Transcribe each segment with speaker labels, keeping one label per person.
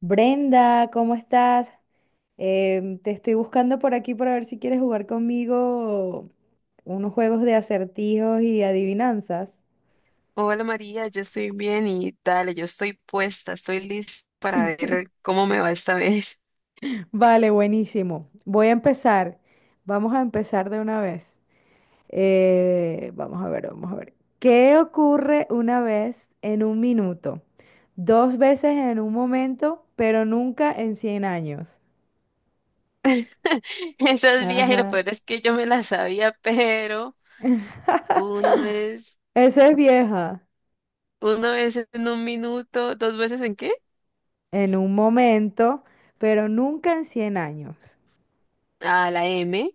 Speaker 1: Brenda, ¿cómo estás? Te estoy buscando por aquí para ver si quieres jugar conmigo unos juegos de acertijos y adivinanzas.
Speaker 2: Hola María, yo estoy bien y dale, yo estoy puesta, estoy lista para ver cómo me va esta vez.
Speaker 1: Vale, buenísimo. Voy a empezar. Vamos a empezar de una vez. Vamos a ver, vamos a ver. ¿Qué ocurre una vez en un minuto? Dos veces en un momento, pero nunca en 100 años.
Speaker 2: Esos viajes, lo
Speaker 1: Ajá.
Speaker 2: peor es que yo me las sabía, pero una vez,
Speaker 1: Esa es vieja.
Speaker 2: una vez en un minuto, ¿dos veces en qué?
Speaker 1: En un momento, pero nunca en 100 años.
Speaker 2: Ah, la M.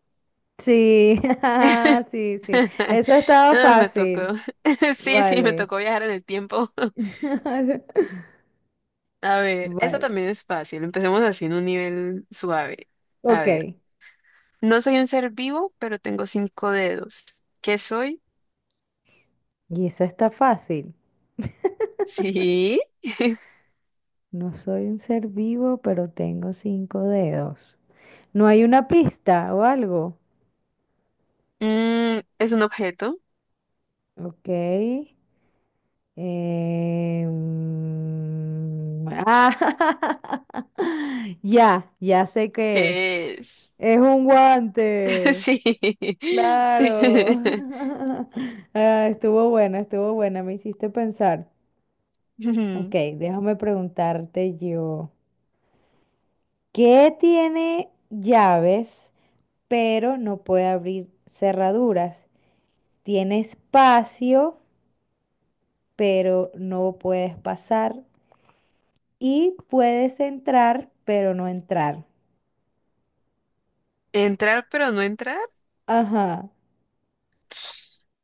Speaker 1: Sí, sí, sí. Eso estaba
Speaker 2: Ah, me tocó.
Speaker 1: fácil.
Speaker 2: Sí, sí, me
Speaker 1: Vale.
Speaker 2: tocó viajar en el tiempo. A ver, esta también
Speaker 1: Vale.
Speaker 2: es fácil. Empecemos así en un nivel suave. A ver,
Speaker 1: Ok.
Speaker 2: no soy un ser vivo, pero tengo cinco dedos. ¿Qué soy?
Speaker 1: Y eso está fácil.
Speaker 2: Sí.
Speaker 1: No soy un ser vivo, pero tengo cinco dedos. ¿No hay una pista o algo?
Speaker 2: Es un objeto
Speaker 1: Ok. Ah, ya sé qué es.
Speaker 2: que es...
Speaker 1: Es un guante.
Speaker 2: Sí.
Speaker 1: Claro. Ah, estuvo buena, me hiciste pensar. Ok,
Speaker 2: Ujú.
Speaker 1: déjame preguntarte yo. ¿Qué tiene llaves, pero no puede abrir cerraduras? Tiene espacio, pero no puedes pasar. Y puedes entrar, pero no entrar.
Speaker 2: Entrar pero no entrar.
Speaker 1: Ajá,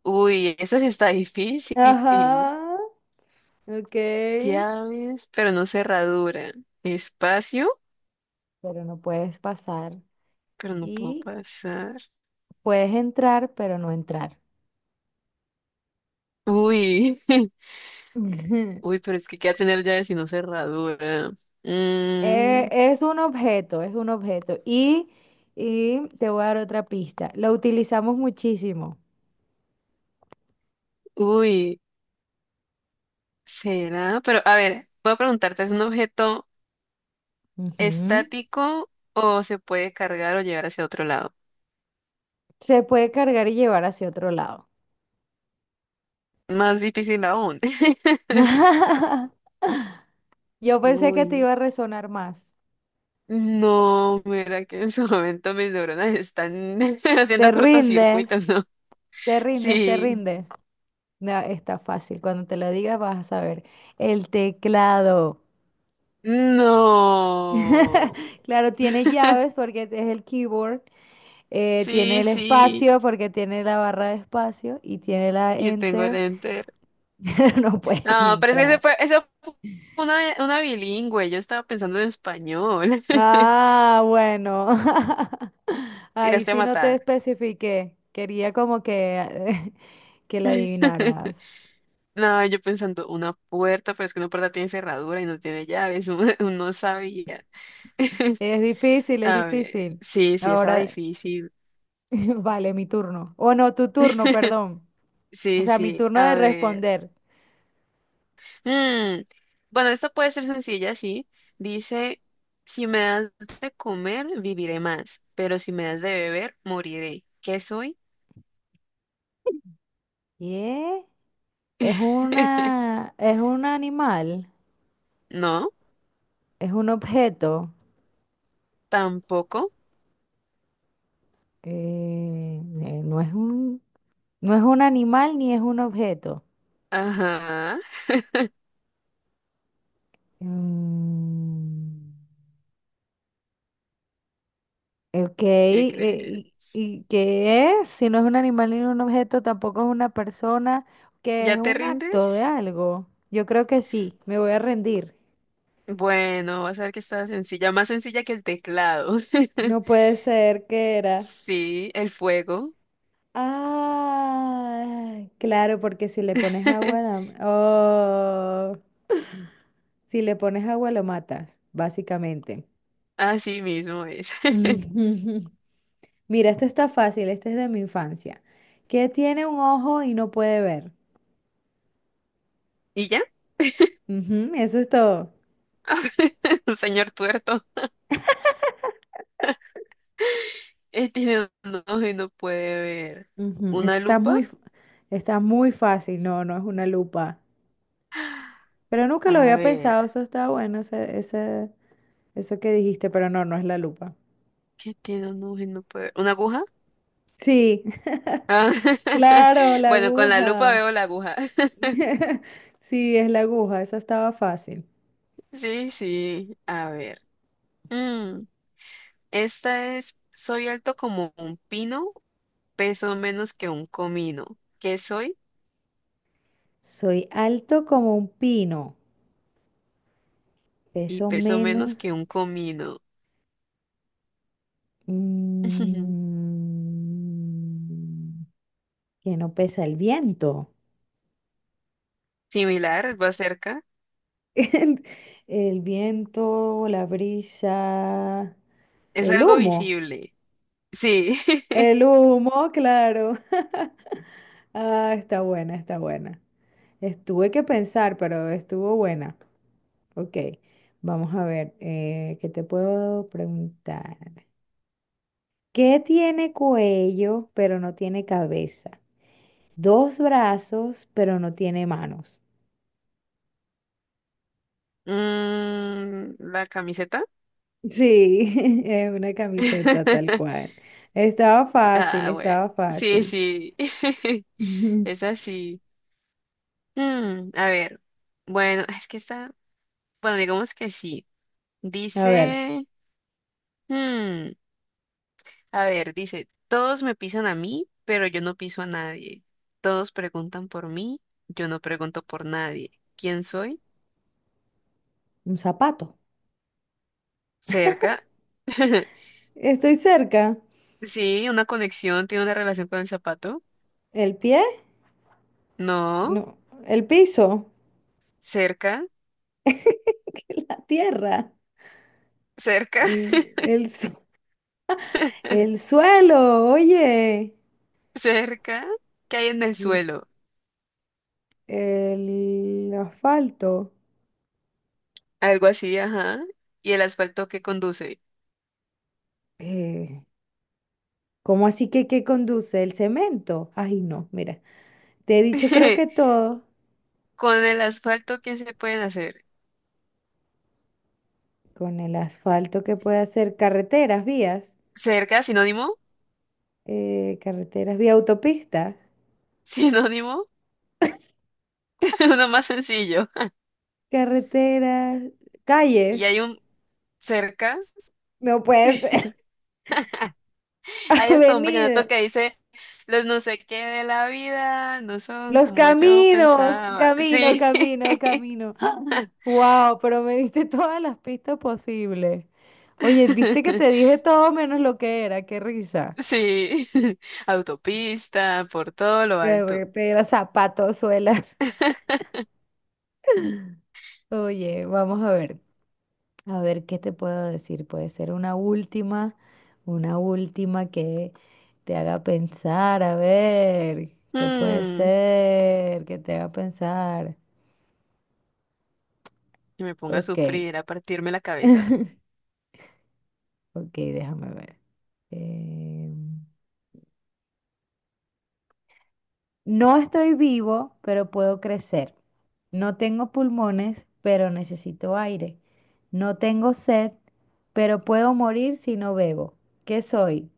Speaker 2: Uy, esta sí está difícil.
Speaker 1: ajá, ok.
Speaker 2: Llaves, pero no cerradura. Espacio,
Speaker 1: Pero no puedes pasar.
Speaker 2: pero no puedo
Speaker 1: Y
Speaker 2: pasar.
Speaker 1: puedes entrar, pero no entrar.
Speaker 2: Uy.
Speaker 1: Ujú.
Speaker 2: Uy, pero es que queda tener llaves y no cerradura.
Speaker 1: Eh,
Speaker 2: Mm,
Speaker 1: es un objeto, es un objeto. Y te voy a dar otra pista. Lo utilizamos muchísimo.
Speaker 2: uy, será, pero a ver, voy a preguntarte, ¿es un objeto?
Speaker 1: Ujú.
Speaker 2: Estático o se puede cargar o llevar hacia otro lado.
Speaker 1: Se puede cargar y llevar hacia otro lado.
Speaker 2: Más difícil aún.
Speaker 1: Yo pensé que te
Speaker 2: Uy,
Speaker 1: iba a resonar más.
Speaker 2: no, mira que en su momento mis neuronas están
Speaker 1: Te
Speaker 2: haciendo
Speaker 1: rindes,
Speaker 2: cortocircuitos, ¿no?
Speaker 1: te rindes, te
Speaker 2: Sí,
Speaker 1: rindes. No, está fácil. Cuando te lo diga vas a saber. El teclado.
Speaker 2: no,
Speaker 1: Claro, tiene llaves porque es el keyboard. Tiene
Speaker 2: sí,
Speaker 1: el
Speaker 2: sí,
Speaker 1: espacio porque tiene la barra de espacio y tiene la
Speaker 2: y tengo el
Speaker 1: enter,
Speaker 2: enter.
Speaker 1: pero no puedes
Speaker 2: No, pero es que ese
Speaker 1: entrar.
Speaker 2: fue, eso fue una bilingüe, yo estaba pensando en español.
Speaker 1: Ah, bueno. Ahí
Speaker 2: Tiraste a
Speaker 1: sí no te
Speaker 2: matar.
Speaker 1: especifiqué. Quería como que, que la adivinaras.
Speaker 2: No, yo pensando, una puerta, pero es que una puerta tiene cerradura y no tiene llaves. Uno sabía.
Speaker 1: Es difícil, es
Speaker 2: A ver,
Speaker 1: difícil.
Speaker 2: sí, sí, estaba
Speaker 1: Ahora,
Speaker 2: difícil.
Speaker 1: vale, mi turno. O no, tu turno, perdón. O
Speaker 2: Sí,
Speaker 1: sea, mi
Speaker 2: sí,
Speaker 1: turno
Speaker 2: a
Speaker 1: de
Speaker 2: ver.
Speaker 1: responder.
Speaker 2: Mm, Bueno esto puede ser sencilla, sí. Dice, si me das de comer, viviré más, pero si me das de beber, moriré. ¿Qué soy?
Speaker 1: ¿Qué? Es una, es un animal,
Speaker 2: No,
Speaker 1: es un objeto.
Speaker 2: tampoco.
Speaker 1: Eh, eh, no es un, no es un animal ni es un objeto.
Speaker 2: Ajá,
Speaker 1: Mm, ok,
Speaker 2: ¿qué
Speaker 1: ¿y,
Speaker 2: crees?
Speaker 1: y qué es? Si no es un animal ni un objeto, tampoco es una persona, que
Speaker 2: ¿Ya
Speaker 1: es
Speaker 2: te
Speaker 1: un acto de
Speaker 2: rindes?
Speaker 1: algo. Yo creo que sí, me voy a rendir.
Speaker 2: Bueno, vas a ver que está sencilla, más sencilla que el teclado.
Speaker 1: No puede ser que era.
Speaker 2: Sí, el fuego.
Speaker 1: Ah, claro, porque si le pones agua, la- oh, si le pones agua lo matas, básicamente.
Speaker 2: Así mismo es.
Speaker 1: Mira, este está fácil, este es de mi infancia. ¿Qué tiene un ojo y no puede ver?
Speaker 2: ¿Y ya?
Speaker 1: Ujú, eso es todo.
Speaker 2: Un señor tuerto. Él tiene un ojo y no puede ver.
Speaker 1: Ujú, ese
Speaker 2: ¿Una
Speaker 1: está
Speaker 2: lupa?
Speaker 1: muy, f- está muy fácil, no, no es una lupa. Pero nunca lo
Speaker 2: A
Speaker 1: había
Speaker 2: ver,
Speaker 1: pensado, eso está bueno, eso que dijiste, pero no, no es la lupa.
Speaker 2: ¿qué tiene un ojo y no puede ver? ¿Una aguja?
Speaker 1: Sí,
Speaker 2: Ah.
Speaker 1: claro, la
Speaker 2: Bueno, con la lupa
Speaker 1: aguja.
Speaker 2: veo la aguja.
Speaker 1: Sí, es la aguja, eso estaba fácil.
Speaker 2: Sí, sí, a ver. Mm, esta es, soy alto como un pino, peso menos que un comino. ¿Qué soy?
Speaker 1: Soy alto como un pino,
Speaker 2: Y
Speaker 1: peso
Speaker 2: pesó menos
Speaker 1: menos
Speaker 2: que un comino.
Speaker 1: Mm, que no pesa el viento.
Speaker 2: Similar, va cerca.
Speaker 1: El viento, la brisa,
Speaker 2: Es
Speaker 1: el
Speaker 2: algo
Speaker 1: humo.
Speaker 2: visible. Sí.
Speaker 1: El humo, claro. Ah, está buena, está buena. Estuve que pensar, pero estuvo buena. Ok, vamos a ver, ¿qué te puedo preguntar? ¿Qué tiene cuello, pero no tiene cabeza? Dos brazos, pero no tiene manos.
Speaker 2: ¿La camiseta?
Speaker 1: Sí, es una camiseta tal cual. Estaba fácil,
Speaker 2: Ah, bueno.
Speaker 1: estaba
Speaker 2: Sí,
Speaker 1: fácil.
Speaker 2: sí. Es así. A ver. Bueno, es que está. Bueno, digamos que sí.
Speaker 1: A ver,
Speaker 2: Dice. mm, a ver, dice: todos me pisan a mí, pero yo no piso a nadie. Todos preguntan por mí, yo no pregunto por nadie. ¿Quién soy?
Speaker 1: un zapato.
Speaker 2: Cerca.
Speaker 1: Estoy cerca.
Speaker 2: Sí, una conexión tiene una relación con el zapato.
Speaker 1: ¿El pie?
Speaker 2: No,
Speaker 1: No, el piso,
Speaker 2: cerca,
Speaker 1: la tierra,
Speaker 2: cerca,
Speaker 1: el, el, su- el suelo, oye,
Speaker 2: cerca. ¿Qué hay en el
Speaker 1: y
Speaker 2: suelo?
Speaker 1: el asfalto.
Speaker 2: Algo así, ajá. ¿Y el asfalto que conduce?
Speaker 1: Eh, ¿Cómo así que qué conduce? ¿El cemento? Ay, no, mira, te he dicho creo que todo
Speaker 2: Con el asfalto, ¿qué se pueden hacer?
Speaker 1: con el asfalto que puede hacer carreteras, vías.
Speaker 2: Cerca, sinónimo,
Speaker 1: Carreteras, vía autopista,
Speaker 2: sinónimo, uno más sencillo.
Speaker 1: carreteras,
Speaker 2: Y hay
Speaker 1: calles,
Speaker 2: un cerca.
Speaker 1: no puede ser,
Speaker 2: Hay hasta un
Speaker 1: avenida,
Speaker 2: vallenato que dice, los no sé qué de la vida no son
Speaker 1: los
Speaker 2: como yo
Speaker 1: caminos,
Speaker 2: pensaba.
Speaker 1: camino,
Speaker 2: Sí.
Speaker 1: camino, camino. Wow, pero me diste todas las pistas posibles. Oye, viste que te dije todo menos lo que era, qué risa.
Speaker 2: Sí, autopista, por todo lo alto.
Speaker 1: Carretera, zapatos, suelas. Oye, vamos a ver. A ver, ¿qué te puedo decir? Puede ser una última que te haga pensar. A ver, ¿qué puede
Speaker 2: Mm,
Speaker 1: ser que te haga pensar?
Speaker 2: que me ponga a
Speaker 1: Ok,
Speaker 2: sufrir, a partirme la cabeza.
Speaker 1: ok, déjame ver. Eh, no estoy vivo, pero puedo crecer. No tengo pulmones, pero necesito aire. No tengo sed, pero puedo morir si no bebo. ¿Qué soy?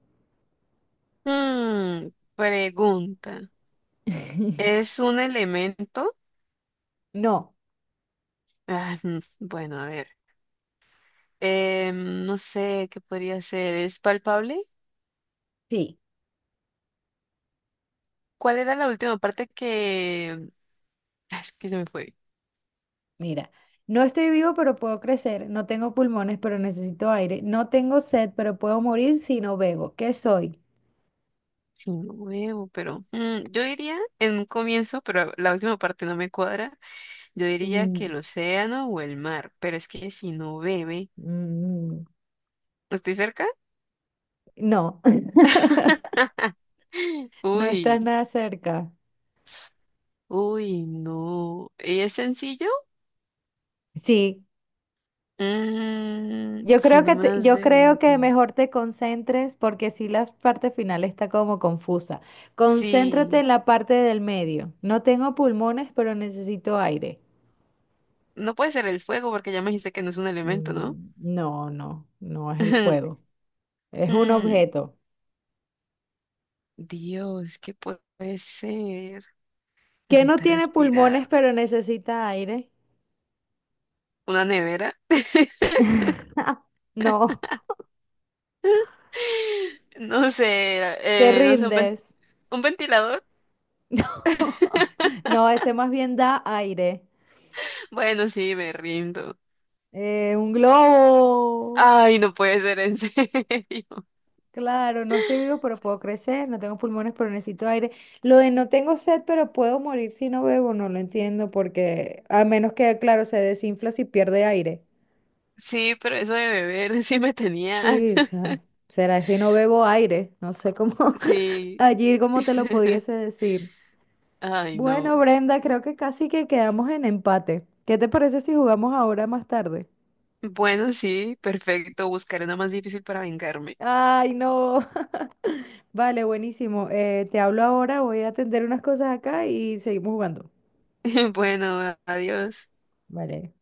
Speaker 2: Mm, pregunta. ¿Es un elemento?
Speaker 1: No,
Speaker 2: Ah, bueno, a ver. No sé qué podría ser. ¿Es palpable?
Speaker 1: sí.
Speaker 2: ¿Cuál era la última parte que... Ah, es que se me fue.
Speaker 1: Mira, no estoy vivo, pero puedo crecer. No tengo pulmones, pero necesito aire. No tengo sed, pero puedo morir si no bebo. ¿Qué soy?
Speaker 2: Sí, no huevo, pero yo diría en un comienzo, pero la última parte no me cuadra. Yo diría que
Speaker 1: Mm,
Speaker 2: el océano o el mar, pero es que si no bebe.
Speaker 1: mm,
Speaker 2: ¿Estoy cerca?
Speaker 1: No, no estás
Speaker 2: Uy,
Speaker 1: nada cerca.
Speaker 2: uy, no. ¿Y es sencillo?
Speaker 1: Sí,
Speaker 2: Mm,
Speaker 1: yo
Speaker 2: si
Speaker 1: creo
Speaker 2: no
Speaker 1: que
Speaker 2: me
Speaker 1: te-
Speaker 2: das
Speaker 1: yo creo
Speaker 2: de...
Speaker 1: que mejor te concentres porque sí la parte final está como confusa. Concéntrate
Speaker 2: Sí.
Speaker 1: en la parte del medio. No tengo pulmones, pero necesito aire.
Speaker 2: No puede ser el fuego porque ya me dijiste que no es un elemento, ¿no?
Speaker 1: No, no, no es el fuego. Es un
Speaker 2: Mm,
Speaker 1: objeto.
Speaker 2: Dios, ¿qué puede ser?
Speaker 1: ¿Qué no
Speaker 2: Necesita
Speaker 1: tiene pulmones
Speaker 2: respirar.
Speaker 1: pero necesita aire?
Speaker 2: ¿Una nevera?
Speaker 1: No,
Speaker 2: No sé,
Speaker 1: te
Speaker 2: no sé, un, ven-
Speaker 1: rindes.
Speaker 2: un ventilador.
Speaker 1: No, ese más bien da aire.
Speaker 2: Bueno, sí, me rindo.
Speaker 1: Un globo.
Speaker 2: Ay, no puede ser en serio.
Speaker 1: Claro, no estoy vivo, pero puedo crecer. No tengo pulmones, pero necesito aire. Lo de no tengo sed, pero puedo morir si no bebo, no lo entiendo, porque a menos que, claro, se desinfla si pierde aire.
Speaker 2: Sí, pero eso de beber sí me tenía.
Speaker 1: Sí, o sea, será si no bebo aire. No sé cómo,
Speaker 2: Sí.
Speaker 1: allí cómo te lo pudiese decir.
Speaker 2: Ay, no.
Speaker 1: Bueno, Brenda, creo que casi que quedamos en empate. ¿Qué te parece si jugamos ahora más tarde?
Speaker 2: Bueno, sí, perfecto. Buscaré una más difícil para vengarme.
Speaker 1: Ay, no. Vale, buenísimo. Te hablo ahora, voy a atender unas cosas acá y seguimos jugando.
Speaker 2: Bueno, adiós.
Speaker 1: Vale.